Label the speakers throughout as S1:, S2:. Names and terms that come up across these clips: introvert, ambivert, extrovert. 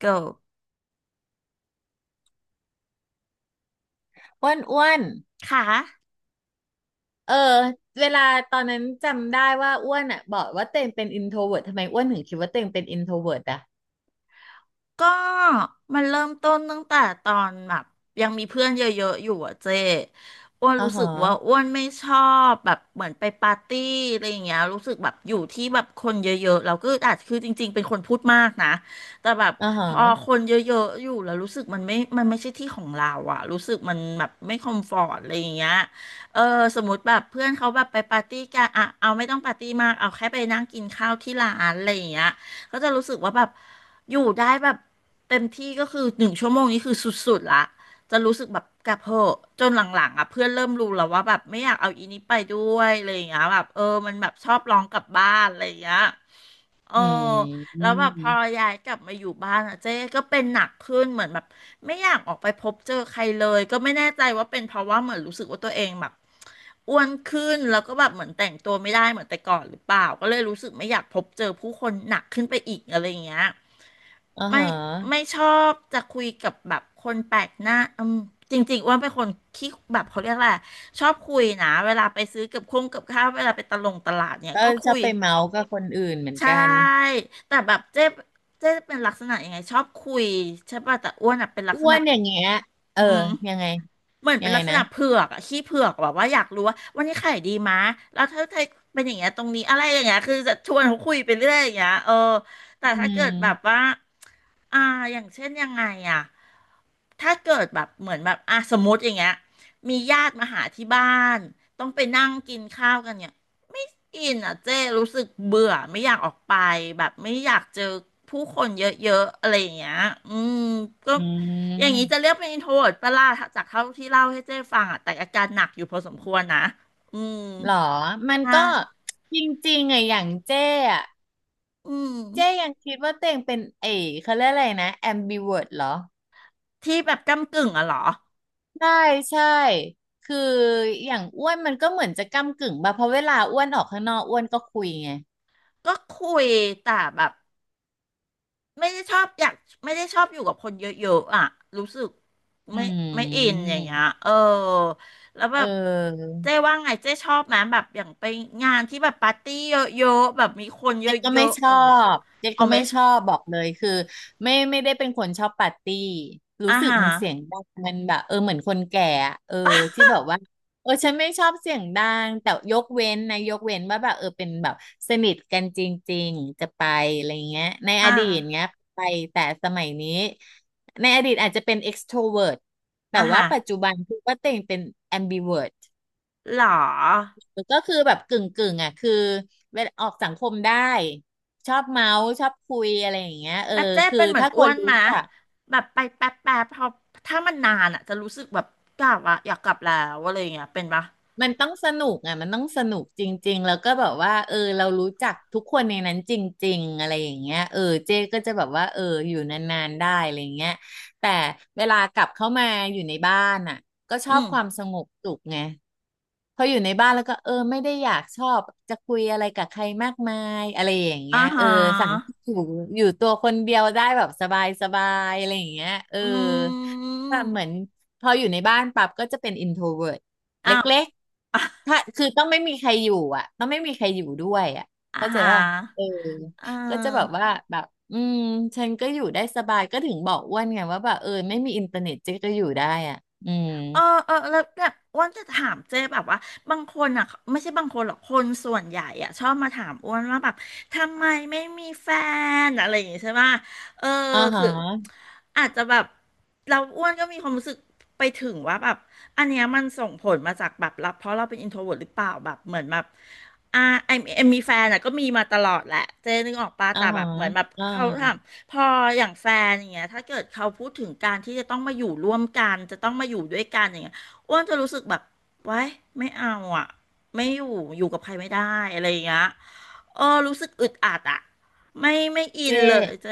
S1: ก็
S2: อ้วนอ้วน
S1: ค่ะ
S2: เออเวลาตอนนั้นจำได้ว่าอ้วนอ่ะบอกว่าเต็งเป็นอินโทรเวิร์ทำไมอ้วนถึงคิดว่าเต็งเป็นอินโทรเวิร์อ่ะ
S1: ก็มันเริ่มต้นตั้งแต่ตอนแบบยังมีเพื่อนเยอะๆอยู่อะเจ๊อ้วน
S2: อ๋า
S1: รู้
S2: ฮ
S1: สึกว่า
S2: ะ
S1: อ้วนไม่ชอบแบบเหมือนไปปาร์ตี้อะไรอย่างเงี้ยรู้สึกแบบอยู่ที่แบบคนเยอะๆเราก็อาจคือจริงๆเป็นคนพูดมากนะแต่แบบ
S2: อ๋อ
S1: พอ
S2: ฮะ
S1: คนเยอะๆอยู่แล้วรู้สึกมันไม่ใช่ที่ของเราอะรู้สึกมันแบบไม่คอมฟอร์ตอะไรอย่างเงี้ยเออสมมติแบบเพื่อนเขาแบบไปปาร์ตี้กันอะเอาไม่ต้องปาร์ตี้มากเอาแค่ไปนั่งกินข้าวที่ร้านอะไรอย่างเงี้ยก็จะรู้สึกว่าแบบ อยู่ได้แบบเต็มที่ก็คือหนึ่งชั่วโมงนี้คือสุดๆละจะรู้สึกแบบกลับเหอะจนหลังๆอ่ะเพื่อนเริ่มรู้แล้วว่าแบบไม่อยากเอาอีนี้ไปด้วยอะไรอย่างเงี้ยแบบเออมันแบบชอบร้องกลับบ้านอะไรอย่างเงี้ยเออ
S2: อื
S1: แล้
S2: ม
S1: วแบบพอย้ายกลับมาอยู่บ้านอ่ะเจ๊ก็เป็นหนักขึ้นเหมือนแบบไม่อยากออกไปพบเจอใครเลยก็ไม่แน่ใจว่าเป็นเพราะว่าเหมือนรู้สึกว่าตัวเองแบบอ้วนขึ้นแล้วก็แบบเหมือนแต่งตัวไม่ได้เหมือนแต่ก่อนหรือเปล่าก็เลยรู้สึกไม่อยากพบเจอผู้คนหนักขึ้นไปอีกอะไรอย่างเงี้ย
S2: อ๋อ
S1: ไม่
S2: ฮะ
S1: ไม่ชอบจะคุยกับแบบคนแปลกหน้าอืมจริงๆอ้ว่าเป็นคนขี้แบบเขาเรียกอะไรชอบคุยนะเวลาไปซื้อกับคงกับข้าวเวลาไปตะลงตลาดเนี่ย
S2: ก็
S1: ก็
S2: ชอ
S1: คุ
S2: บ
S1: ย
S2: ไปเมาส์กับคนอื่นเหมือน
S1: ใช่
S2: กัน
S1: แต่แบบเจ๊เป็นลักษณะยังไงชอบคุยใช่ป่ะแต่อ้วนอ่ะเป็นลัก
S2: อ้
S1: ษ
S2: ว
S1: ณะ
S2: นอย่างเงี้ยเอ
S1: อื
S2: อ
S1: ม
S2: ยังไง
S1: เหมือน
S2: ยั
S1: เป็
S2: ง
S1: น
S2: ไง
S1: ลักษ
S2: นะ
S1: ณะเผือกอะขี้เผือกแบบว่าอยากรู้ว่าวันนี้ขายดีมะแล้วถ้าไทยเป็นอย่างเงี้ยตรงนี้อะไรอย่างเงี้ยคือจะชวนเขาคุยไปเรื่อยอย่างเงี้ยเออแต่
S2: อื
S1: ถ้าเกิดแบบ
S2: ม
S1: ว่าอ่าอย่างเช่นยังไงอะถ้าเกิดแบบเหมือนแบบอ่ะสมมติอย่างเงี้ยมีญาติมาหาที่บ้านต้องไปนั่งกินข้าวกันเนี่ยไม่อินอ่ะเจ้รู้สึกเบื่อไม่อยากออกไปแบบไม่อยากเจอผู้คนเยอะๆอะไรอย่างเงี้ยอืมก็
S2: อื
S1: อย่างนี้จะ
S2: ม
S1: เรียกเป็น introvert ปะล่ะจากเท่าที่เล่าให้เจ้ฟังอ่ะแต่อาการหนักอยู่พอสมควรนะอืม
S2: หรอมัน
S1: ใช่
S2: ก็จริงๆไงอะอย่างเจ้อะ
S1: อืม
S2: เจ้ยังคิดว่าเต่งเป็นเอ๋เขาเรียกอะไรนะ ambivert เหรอ
S1: ที่แบบก้ำกึ่งอะเหรอ
S2: ใช่ใช่คืออย่างอ้วนมันก็เหมือนจะก้ำกึ่งป่ะเพราะเวลาอ้วนออกข้างนอกอ้วนก็คุยไง
S1: ก็คุยแต่แบบไม่ได้ชอบอยากไม่ได้ชอบอยู่กับคนเยอะๆอะรู้สึก
S2: อื
S1: ไม่ไม่อิน
S2: ม
S1: อย่างเงี้ยเออแล้วแบ
S2: เอ
S1: บเจ๊
S2: อ
S1: ว่าไงเจ๊ชอบไหมแบบอย่างไปงานที่แบบปาร์ตี้เยอะๆแบบมีคนเย
S2: เจ๊ก็ไม่
S1: อะๆ
S2: ช
S1: อะ
S2: อ
S1: ไรเงี้ย
S2: บเจ๊
S1: เอา
S2: ก็
S1: ไหม
S2: ไม่ชอบบอกเลยคือไม่ได้เป็นคนชอบปาร์ตี้รู้
S1: อ่า
S2: สึก
S1: ฮะ
S2: มันเสียงดังมันแบบเออเหมือนคนแก่อะเออที่แบบว่าเออฉันไม่ชอบเสียงดังแต่ยกเว้นนะยกเว้นว่าแบบเออเป็นแบบสนิทกันจริงๆจะไปอะไรเงี้ยในอ
S1: อ่า
S2: ดีตเงี้ยไปแต่สมัยนี้ในอดีตอาจจะเป็น extrovert แต่
S1: อ่า
S2: ว่า
S1: ฮะ
S2: ปัจจุบันคือว่าเต่งเป็น ambivert
S1: เหรอ
S2: ก็คือแบบกึ่งกึ่งอ่ะคือเวลาออกสังคมได้ชอบเมาส์ชอบคุยอะไรอย่างเงี้ยเออ
S1: แล้วเจ๊
S2: คือ
S1: เป็นเหมือน
S2: ถ้าค
S1: อ้ว
S2: น
S1: นไห
S2: รู้
S1: มะ
S2: จัก
S1: แบบไปแป๊บแป๊บพอถ้ามันนานอ่ะจะรู้สึกแบบกลับอะอยากกลับแล้วอะไรอย่างเงี้ยเป็นปะ
S2: มันต้องสนุกอ่ะมันต้องสนุกจริงๆแล้วก็แบบว่าเออเรารู้จักทุกคนในนั้นจริงๆอะไรอย่างเงี้ยเออเจ๊ก็จะแบบว่าเอออยู่นานๆได้อะไรอย่างเงี้ยแต่เวลากลับเข้ามาอยู่ในบ้านอ่ะก็ช
S1: อื
S2: อบ
S1: ม
S2: ความสงบสุขไง พออยู่ในบ้านแล้วก็เออไม่ได้อยากชอบจะคุยอะไรกับใครมากมายอะไรอย่าง
S1: อ่า
S2: เงี้ยเออ
S1: ฮะ
S2: สั่งอยู่อยู่ตัวคนเดียวได้แบบสบายสบายอะไรอย่างเงี้ยเออ
S1: อื
S2: แบบ
S1: ม
S2: เหมือนพออยู่ในบ้านปั๊บก็จะเป็นอินโทรเวิร์ต
S1: อ้าว
S2: เล็ก
S1: อ่ะ
S2: ๆ ถ้าคือต้องไม่มีใครอยู่อ่ะต้องไม่มีใครอยู่ด้วยอ่ะ
S1: อ่า
S2: เข้าใจ
S1: ฮะ
S2: ป่ะเออ
S1: เอ
S2: ก็จะแบบ
S1: อ
S2: ว่าแบบอืมฉันก็อยู่ได้สบายก็ถึงบอกอ้วนไงว่าแบบเออไม่มีอินเทอร์เน็ตเจ๊ก็อยู่ได้อ่ะอืม
S1: เออเออแล้วแบบอ้วนจะถามเจ๊แบบว่าบางคนอ่ะไม่ใช่บางคนหรอกคนส่วนใหญ่อ่ะชอบมาถามอ้วนว่าแบบทำไมไม่มีแฟนอะไรอย่างงี้ใช่ปะ เออ
S2: อ่า
S1: คื
S2: ฮะ
S1: ออาจจะแบบเราอ้วนก็มีความรู้สึกไปถึงว่าแบบอันเนี้ยมันส่งผลมาจากแบบรับเพราะเราเป็นอินโทรเวิร์หรือเปล่าแบบเหมือนแบบอ่าไอเอ็มมีแฟนอะก็มีมาตลอดแหละเจนึกออกปะ
S2: อ่า
S1: แต่แบ
S2: ฮะ
S1: บเหมือนแบบ
S2: อ่า
S1: เขาทำพออย่างแฟนอย่างเงี้ยถ้าเกิดเขาพูดถึงการที่จะต้องมาอยู่ร่วมกันจะต้องมาอยู่ด้วยกันอย่างเงี้ยอ้วนจะรู้สึกแบบไว้ายไม่เอาอะไม่อยู่อยู่กับใครไม่ได้อะไรอย่างเงี้ย เออรู้สึกอึดอัดอะไม่อิ
S2: เจ๊
S1: นเลยเจ๊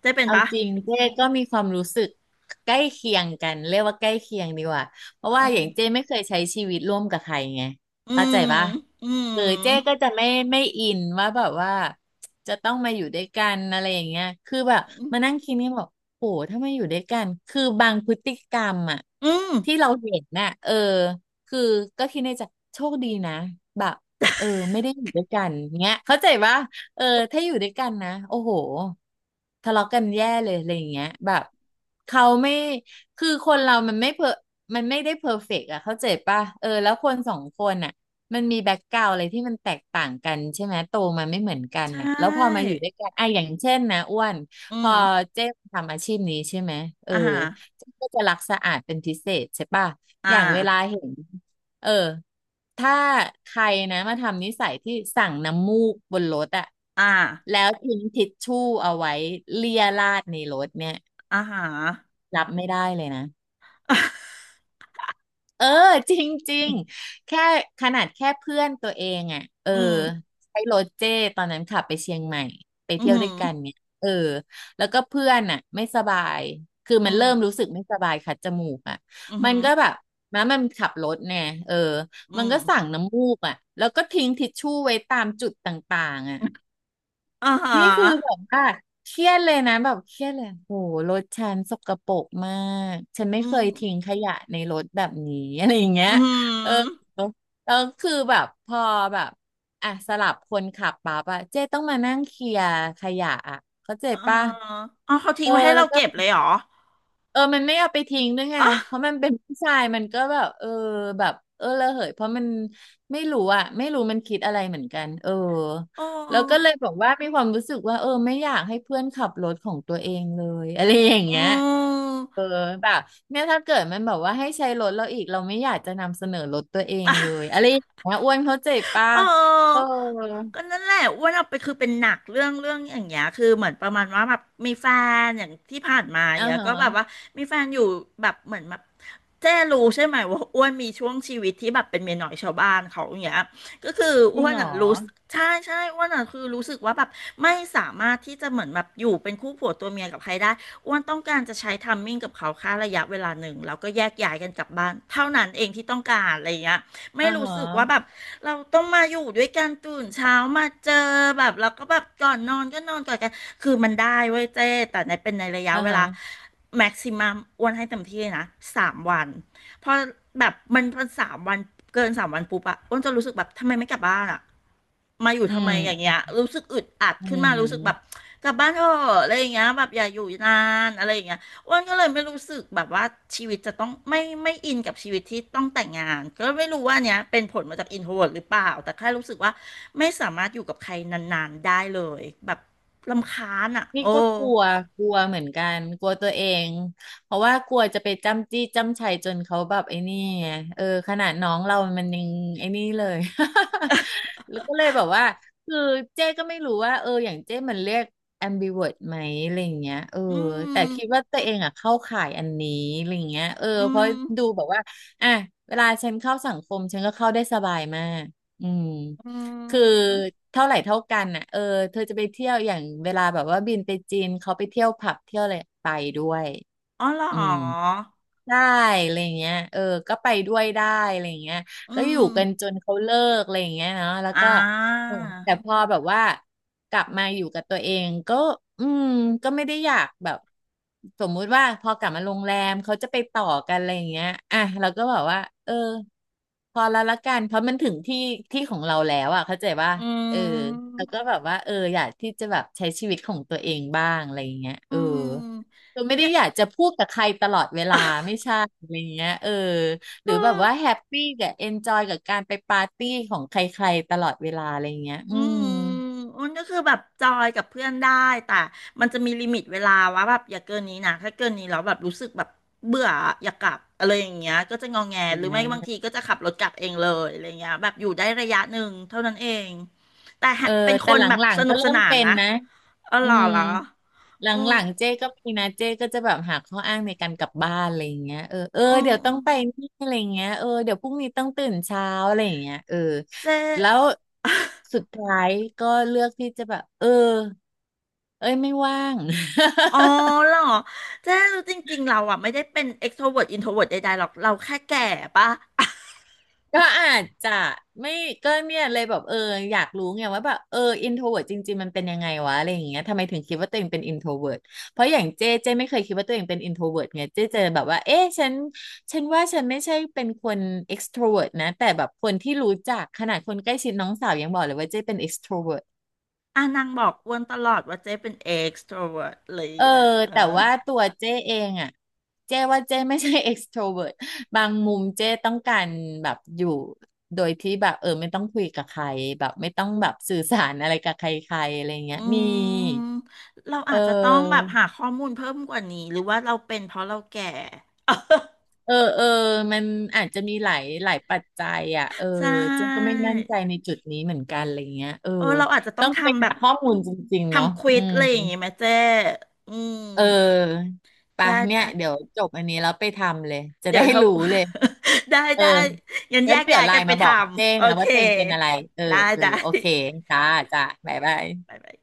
S1: เจ๊เป็น
S2: เอา
S1: ปะ
S2: จริงเจ๊ก็มีความรู้สึกใกล้เคียงกันเรียกว่าใกล้เคียงดีกว่าเพราะ
S1: เอ
S2: ว่าอย่างเจ๊
S1: อ
S2: ไม่เคยใช้ชีวิตร่วมกับใครไง
S1: อื
S2: เข้าใจ
S1: ม
S2: ปะ
S1: อื
S2: เอ
S1: ม
S2: อเจ๊ก็จะไม่อินว่าแบบว่าจะต้องมาอยู่ด้วยกันอะไรอย่างเงี้ยคือแบบมานั่งคิดนี่บอกโหถ้ามาอยู่ด้วยกันคือบางพฤติกรรมอะ
S1: อืม
S2: ที่เราเห็นน่ะเออคือก็คิดในใจโชคดีนะแบบเออไม่ได้อยู่ด้วยกันเงี้ยเข้าใจปะ เออถ้าอยู่ด้วยกันนะโอ้โหทะเลาะกันแย่เลยอะไรอย่างเงี้ยแบบเขาไม่คือคนเรามันไม่เพอมันไม่ได้เพอร์เฟกต์อะเข้าใจป่ะเออแล้วคนสองคนอะมันมีแบ็กกราวอะไรที่มันแตกต่างกันใช่ไหมโตมาไม่เหมือนกั
S1: ใช
S2: นอะแล้วพอมา
S1: ่
S2: อยู่ด้วยกันอะอย่างเช่นนะอ้วน
S1: อื
S2: พอ
S1: ม
S2: เจ๊ทำอาชีพนี้ใช่ไหมเออ
S1: อ่าฮะ
S2: เจ๊ก็จะรักสะอาดเป็นพิเศษใช่ป่ะ
S1: อ่า
S2: อย่างเวลาเห็นเออ ถ้าใครนะมาทำนิสัยที่สั่งน้ำมูกบนรถอะ
S1: อ่า
S2: แล้วทิ้งทิชชู่เอาไว้เลียราดในรถเนี่ย
S1: อ่าฮะ
S2: รับไม่ได้เลยนะ เออ จริงจริง แค่ขนาดแค่เพื่อนตัวเองอ่ะเออ
S1: อืม
S2: ใช้รถเจ้ตอนนั้นขับไปเชียงใหม่ไป
S1: อื
S2: เที่ยวด้
S1: ม
S2: วยกันเนี่ยเออแล้วก็เพื่อนอ่ะไม่สบายคือ
S1: อื
S2: มัน
S1: ม
S2: เริ่มรู้สึกไม่สบายคัดจมูกอ่ะ
S1: อืม
S2: มันก็แบบนะมันขับรถเนี่ยเออ
S1: อื
S2: มัน
S1: ม
S2: ก็สั่งน้ำมูกอ่ะแล้วก็ทิ้งทิชชู่ไว้ตามจุดต่างๆอ่ะ
S1: อ่าฮะ
S2: นี่คือแบบว่าเครียดเลยนะแบบเครียดเลยโอ้โหรถฉันสกปรกมากฉันไม่
S1: อื
S2: เค
S1: ม
S2: ยทิ้งขยะในรถแบบนี้อะไรอย่างเงี้
S1: อื
S2: ยเออ
S1: ม
S2: แล้วคือแบบพอแบบอ่ะสลับคนขับปั๊บอะเจ๊ต้องมานั่งเคลียร์ขยะอะเข้าใจ
S1: อ่า
S2: ป่ะ
S1: อ๋อเขาทิ้
S2: เอ
S1: ง
S2: อ
S1: ไว้ให้
S2: แล้
S1: เรา
S2: วก็
S1: เก็บเลยเหรอ
S2: เออมันไม่เอาไปทิ้งด้วยไง
S1: อ๋อ
S2: เพราะมันเป็นผู้ชายมันก็แบบเออแบบเออระเหยเพราะมันไม่รู้อะไม่รู้มันคิดอะไรเหมือนกันเออ
S1: โอ
S2: แล้วก็เล
S1: ้
S2: ยบอกว่ามีความรู้สึกว่าเออไม่อยากให้เพื่อนขับรถของตัวเองเลย อะไรอย่าง
S1: อื
S2: เงี้ย
S1: ม
S2: เออแบบเนี่ยถ้าเกิดมันแบบว่าให้ใช้รถเราอีกเราไม่อยากจะนำเสนอรถตัวเองเล ยอะไรอย่างเงี้ยอ้วนเข้าใจป่ะ
S1: เ
S2: เออ
S1: ออก็นั่นแหละอ้วนเอาไปคือเป็นหนักเรื่องอย่างเงี้ยคือเหมือนประมาณว่าแบบมีแฟนอย่างที่ผ่านมาอย่าง
S2: อ่า
S1: เงี้ย
S2: ฮะ
S1: ก็แบบว่ามีแฟนอยู่แบบเหมือนแบบเจ้รู้ใช่ไหมว่าอ้วนมีช่วงชีวิตที่แบบเป็นเมียน้อยชาวบ้านเขาอย่างเงี้ยก็คือ
S2: จริ
S1: อ้
S2: ง
S1: วน
S2: เหรอ
S1: อ่ะรู้สึกใช่อ้วนอ่ะคือรู้สึกว่าแบบไม่สามารถที่จะเหมือนแบบอยู่เป็นคู่ผัวตัวเมียกับใครได้อ้วนต้องการจะใช้ทัมมิ่งกับเขาแค่ระยะเวลาหนึ่งแล้วก็แยกย้ายกันกลับบ้านเท่านั้นเองที่ต้องการอะไรอย่างเงี้ยไม่
S2: อ่าฮ
S1: รู้สึกว่าแบ
S2: ะ
S1: บ เราต้องมาอยู่ด้วยกันตื่นเช้ามาเจอแบบแล้วก็แบบก่อนนอนก็นอนก่อนกันคือมันได้เว้ยเจ้แต่ในเป็นในระยะ
S2: อ่า
S1: เว
S2: ฮะ
S1: ลาแม็กซิมัมอ้วนให้เต็มที่เลยนะสามวันพอแบบมันเป็นสามวันเกินสามวันปุ๊บอะอ้วนจะรู้สึกแบบทำไมไม่กลับบ้านอะมาอยู่
S2: อื
S1: ทำไมอย่าง
S2: ม
S1: เงี้ยรู้สึกอึดอัด
S2: อื
S1: ขึ้นมารู้สึกแบบ
S2: ม
S1: กลับบ้านเถอะอะไรอย่างเงี้ยแบบอย่าอยู่นานอะไรอย่างเงี้ย อ้วนก็เลยไม่รู้สึกแบบว่าชีวิตจะต้องไม่อินกับชีวิตที่ต้องแต่งงานก็ไม่รู้ว่าเนี้ยเป็นผลมาจากอินโทรเวิร์หรือเปล่าแต่แค่รู้สึกว่าไม่สามารถอยู่กับใครนานๆได้เลยแบบรำคาญอ่ะ
S2: พี่
S1: โอ้
S2: ก็กลัวกลัวเหมือนกันกลัวตัวเองเพราะว่ากลัวจะไปจ้ำจี้จ้ำชัยจนเขาแบบไอ้นี่ไงเออขนาดน้องเรามันยังไอ้นี่เลย แล้วก็เลยแบบว่าคือเจ๊ก็ไม่รู้ว่าอย่างเจ๊มันเรียก ambivert ไหมอะไรอย่างเงี้ยเออ
S1: อื
S2: แต่
S1: ม
S2: คิดว่าตัวเองอ่ะเข้าข่ายอันนี้อะไรอย่างเงี้ยเออ
S1: อื
S2: เพราะ
S1: ม
S2: ดูแบบว่าอ่ะเวลาฉันเข้าสังคมฉันก็เข้าได้สบายมากอืม
S1: อื
S2: คือ
S1: ม
S2: เท่าไหร่เท่ากันอ่ะเออเธอจะไปเที่ยวอย่างเวลาแบบว่าบินไปจีนเขาไปเที่ยวผับเที่ยวอะไรไปด้วย
S1: อ๋อเหร
S2: อืม
S1: อ
S2: ได้อะไรอย่างเงี้ยเออก็ไปด้วยได้อะไรอย่างเงี้ย
S1: อื
S2: ก็อ
S1: ม
S2: ยู่กันจนเขาเลิกอะไรอย่างเงี้ยเนาะแล้ว
S1: อ่
S2: ก็
S1: า
S2: เออแต่พอแบบว่ากลับมาอยู่กับตัวเองก็ อืม ก็ไม่ได้อยากแบบสมมุติว่าพอกลับมาโรงแรมเขาจะไปต่อกันอะไรอย่างเงี้ยอ่ะเราก็บอกว่า เออ พอแล้วละกัน เพราะมันถึงที่ที่ของเราแล้วอ่ะเข้าใจว่า
S1: อื
S2: เออ
S1: ม
S2: แล้วก็แบบว่าอยากที่จะแบบใช้ชีวิตของตัวเองบ้างอะไรอย่างเงี้ย
S1: อื
S2: เออ
S1: ม
S2: เราไม่
S1: เย
S2: ได้อยา กจะพูดกับใครตลอดเวลาไม่ใช่อะไรเงี้ยเออห
S1: เอ
S2: รือแบบ
S1: อ
S2: ว่าแฮ ปปี้กับเอนจอยกับการไปปาร์ตี้ของใครๆตลอดเวลาอะไรเงี้ย
S1: อื
S2: อืม
S1: มอ้นก็คือแบบจอยกับเพื่อนได้แต่มันจะมีลิมิตเวลาว่าแบบอย่าเกินนี้นะถ้าเกินนี้แล้วแบบรู้สึกแบบเบื่ออยากกลับอะไรอย่างเงี้ยก็จะงอแงหรือไม่บาง
S2: นะ
S1: ทีก็จะขับรถกลับเองเลยอะไรเงี้ยแบบอยู่ได้ระยะหนึ่งเท่านั้นเองแต่
S2: เออ
S1: เป็นค
S2: แต่
S1: น
S2: หล
S1: แบบ
S2: ัง
S1: ส
S2: ๆ
S1: นุ
S2: ก็
S1: กส
S2: เริ่ม
S1: นาน
S2: เป็น
S1: นะ
S2: นะ
S1: อ๋อ
S2: อื
S1: เหรอ
S2: ม
S1: เหรอ
S2: หล
S1: อือ
S2: ังๆเจ๊ก็มีนะเจ๊ก็จะแบบหาข้ออ้างในการกลับบ้านอะไรอย่างเงี้ยเออเออ
S1: อือ
S2: เดี๋ยวต้องไปนี่อะไรอย่างเงี้ยเออเดี๋ยวพรุ่งนี้ต้องตื่นเช้าอะไรอย่างเงี้ยเออ
S1: เจ๊
S2: แล้วสุดท้ายก็เลือกที่จะแบบเออเอ้ยไม่ว่าง
S1: อ๋อ เหรอเจ๊รู้จริงๆเราอ่ะไม่ได้เป็น extrovert introvert ใดๆหรอกเราแค่แก่ปะ
S2: ก็อาจจะไม่ก็เนี่ยเลยแบบอยากรู้ไงว่าแบบอินโทรเวิร์ตจริงๆมันเป็นยังไงวะอะไรอย่างเงี้ยทำไมถึงคิดว่าตัวเองเป็นอินโทรเวิร์ตเพราะอย่างเจ๊เจ๊ไม่เคยคิดว่าตัวเองเป็นอินโทรเวิร์ตไงเจ๊เจอแบบว่าเอ๊ะฉันว่าฉันไม่ใช่เป็นคนเอ็กซ์โทรเวิร์ตนะแต่แบบคนที่รู้จักขนาดคนใกล้ชิดน้องสาวยังบอกเลยว่าเจ๊เป็นเอ็กโทรเวิร์ต
S1: อ่ะนางบอกอ้วนตลอดว่าเจ๊เป็น extrovert เลย
S2: เออ
S1: อ่ะเอ
S2: แต่
S1: อ
S2: ว่าตัวเจ้เองอ่ะเจ้ว่าเจ้ไม่ใช่ extrovert บางมุมเจ้ต้องการแบบอยู่โดยที่แบบไม่ต้องคุยกับใครแบบไม่ต้องแบบสื่อสารอะไรกับใครๆอะไรเงี้ย
S1: อื
S2: มี
S1: มเรา
S2: เอ
S1: อาจจะต้องแบ
S2: อ
S1: บหาข้อมูลเพิ่มกว่านี้หรือว่าเราเป็นเพราะเราแก่
S2: เออเออมันอาจจะมีหลายปัจจัยอ่ะเออ
S1: ใช่
S2: เจ้ก็ไม่มั่นใจในจุดนี้เหมือนกันอะไรเงี้ยเออ
S1: เออเราอาจจะต้อ
S2: ต้อ
S1: ง
S2: งไป
S1: ทำแบ
S2: หา
S1: บ
S2: ข้อมูลจริงๆเนาะ
S1: ทำควิ
S2: อื
S1: ด
S2: ม
S1: อะไรอย่างนงี้ไหมเจ๊อืม
S2: เออไป
S1: ได้
S2: เนี่ย
S1: ได้
S2: เดี๋ยวจบอันนี้แล้วไปทำเลยจะ
S1: เดี๋
S2: ได้
S1: ยวเรา
S2: รู้เลย
S1: ได้
S2: เออ
S1: ได้งั้น
S2: แล้
S1: แย
S2: ว
S1: ก
S2: เดี๋ย
S1: ย้า
S2: ว
S1: ย
S2: ไล
S1: กัน
S2: น์
S1: ไป
S2: มา
S1: ท
S2: บอกเจ้
S1: ำโอ
S2: นะ
S1: เค
S2: ว่าเจ้งเป็นอะไรเออ
S1: ได้
S2: เออ
S1: ได้
S2: โอเคจ้า
S1: ค่ะ
S2: จ้าบ๊ายบาย
S1: บ๊ายบาย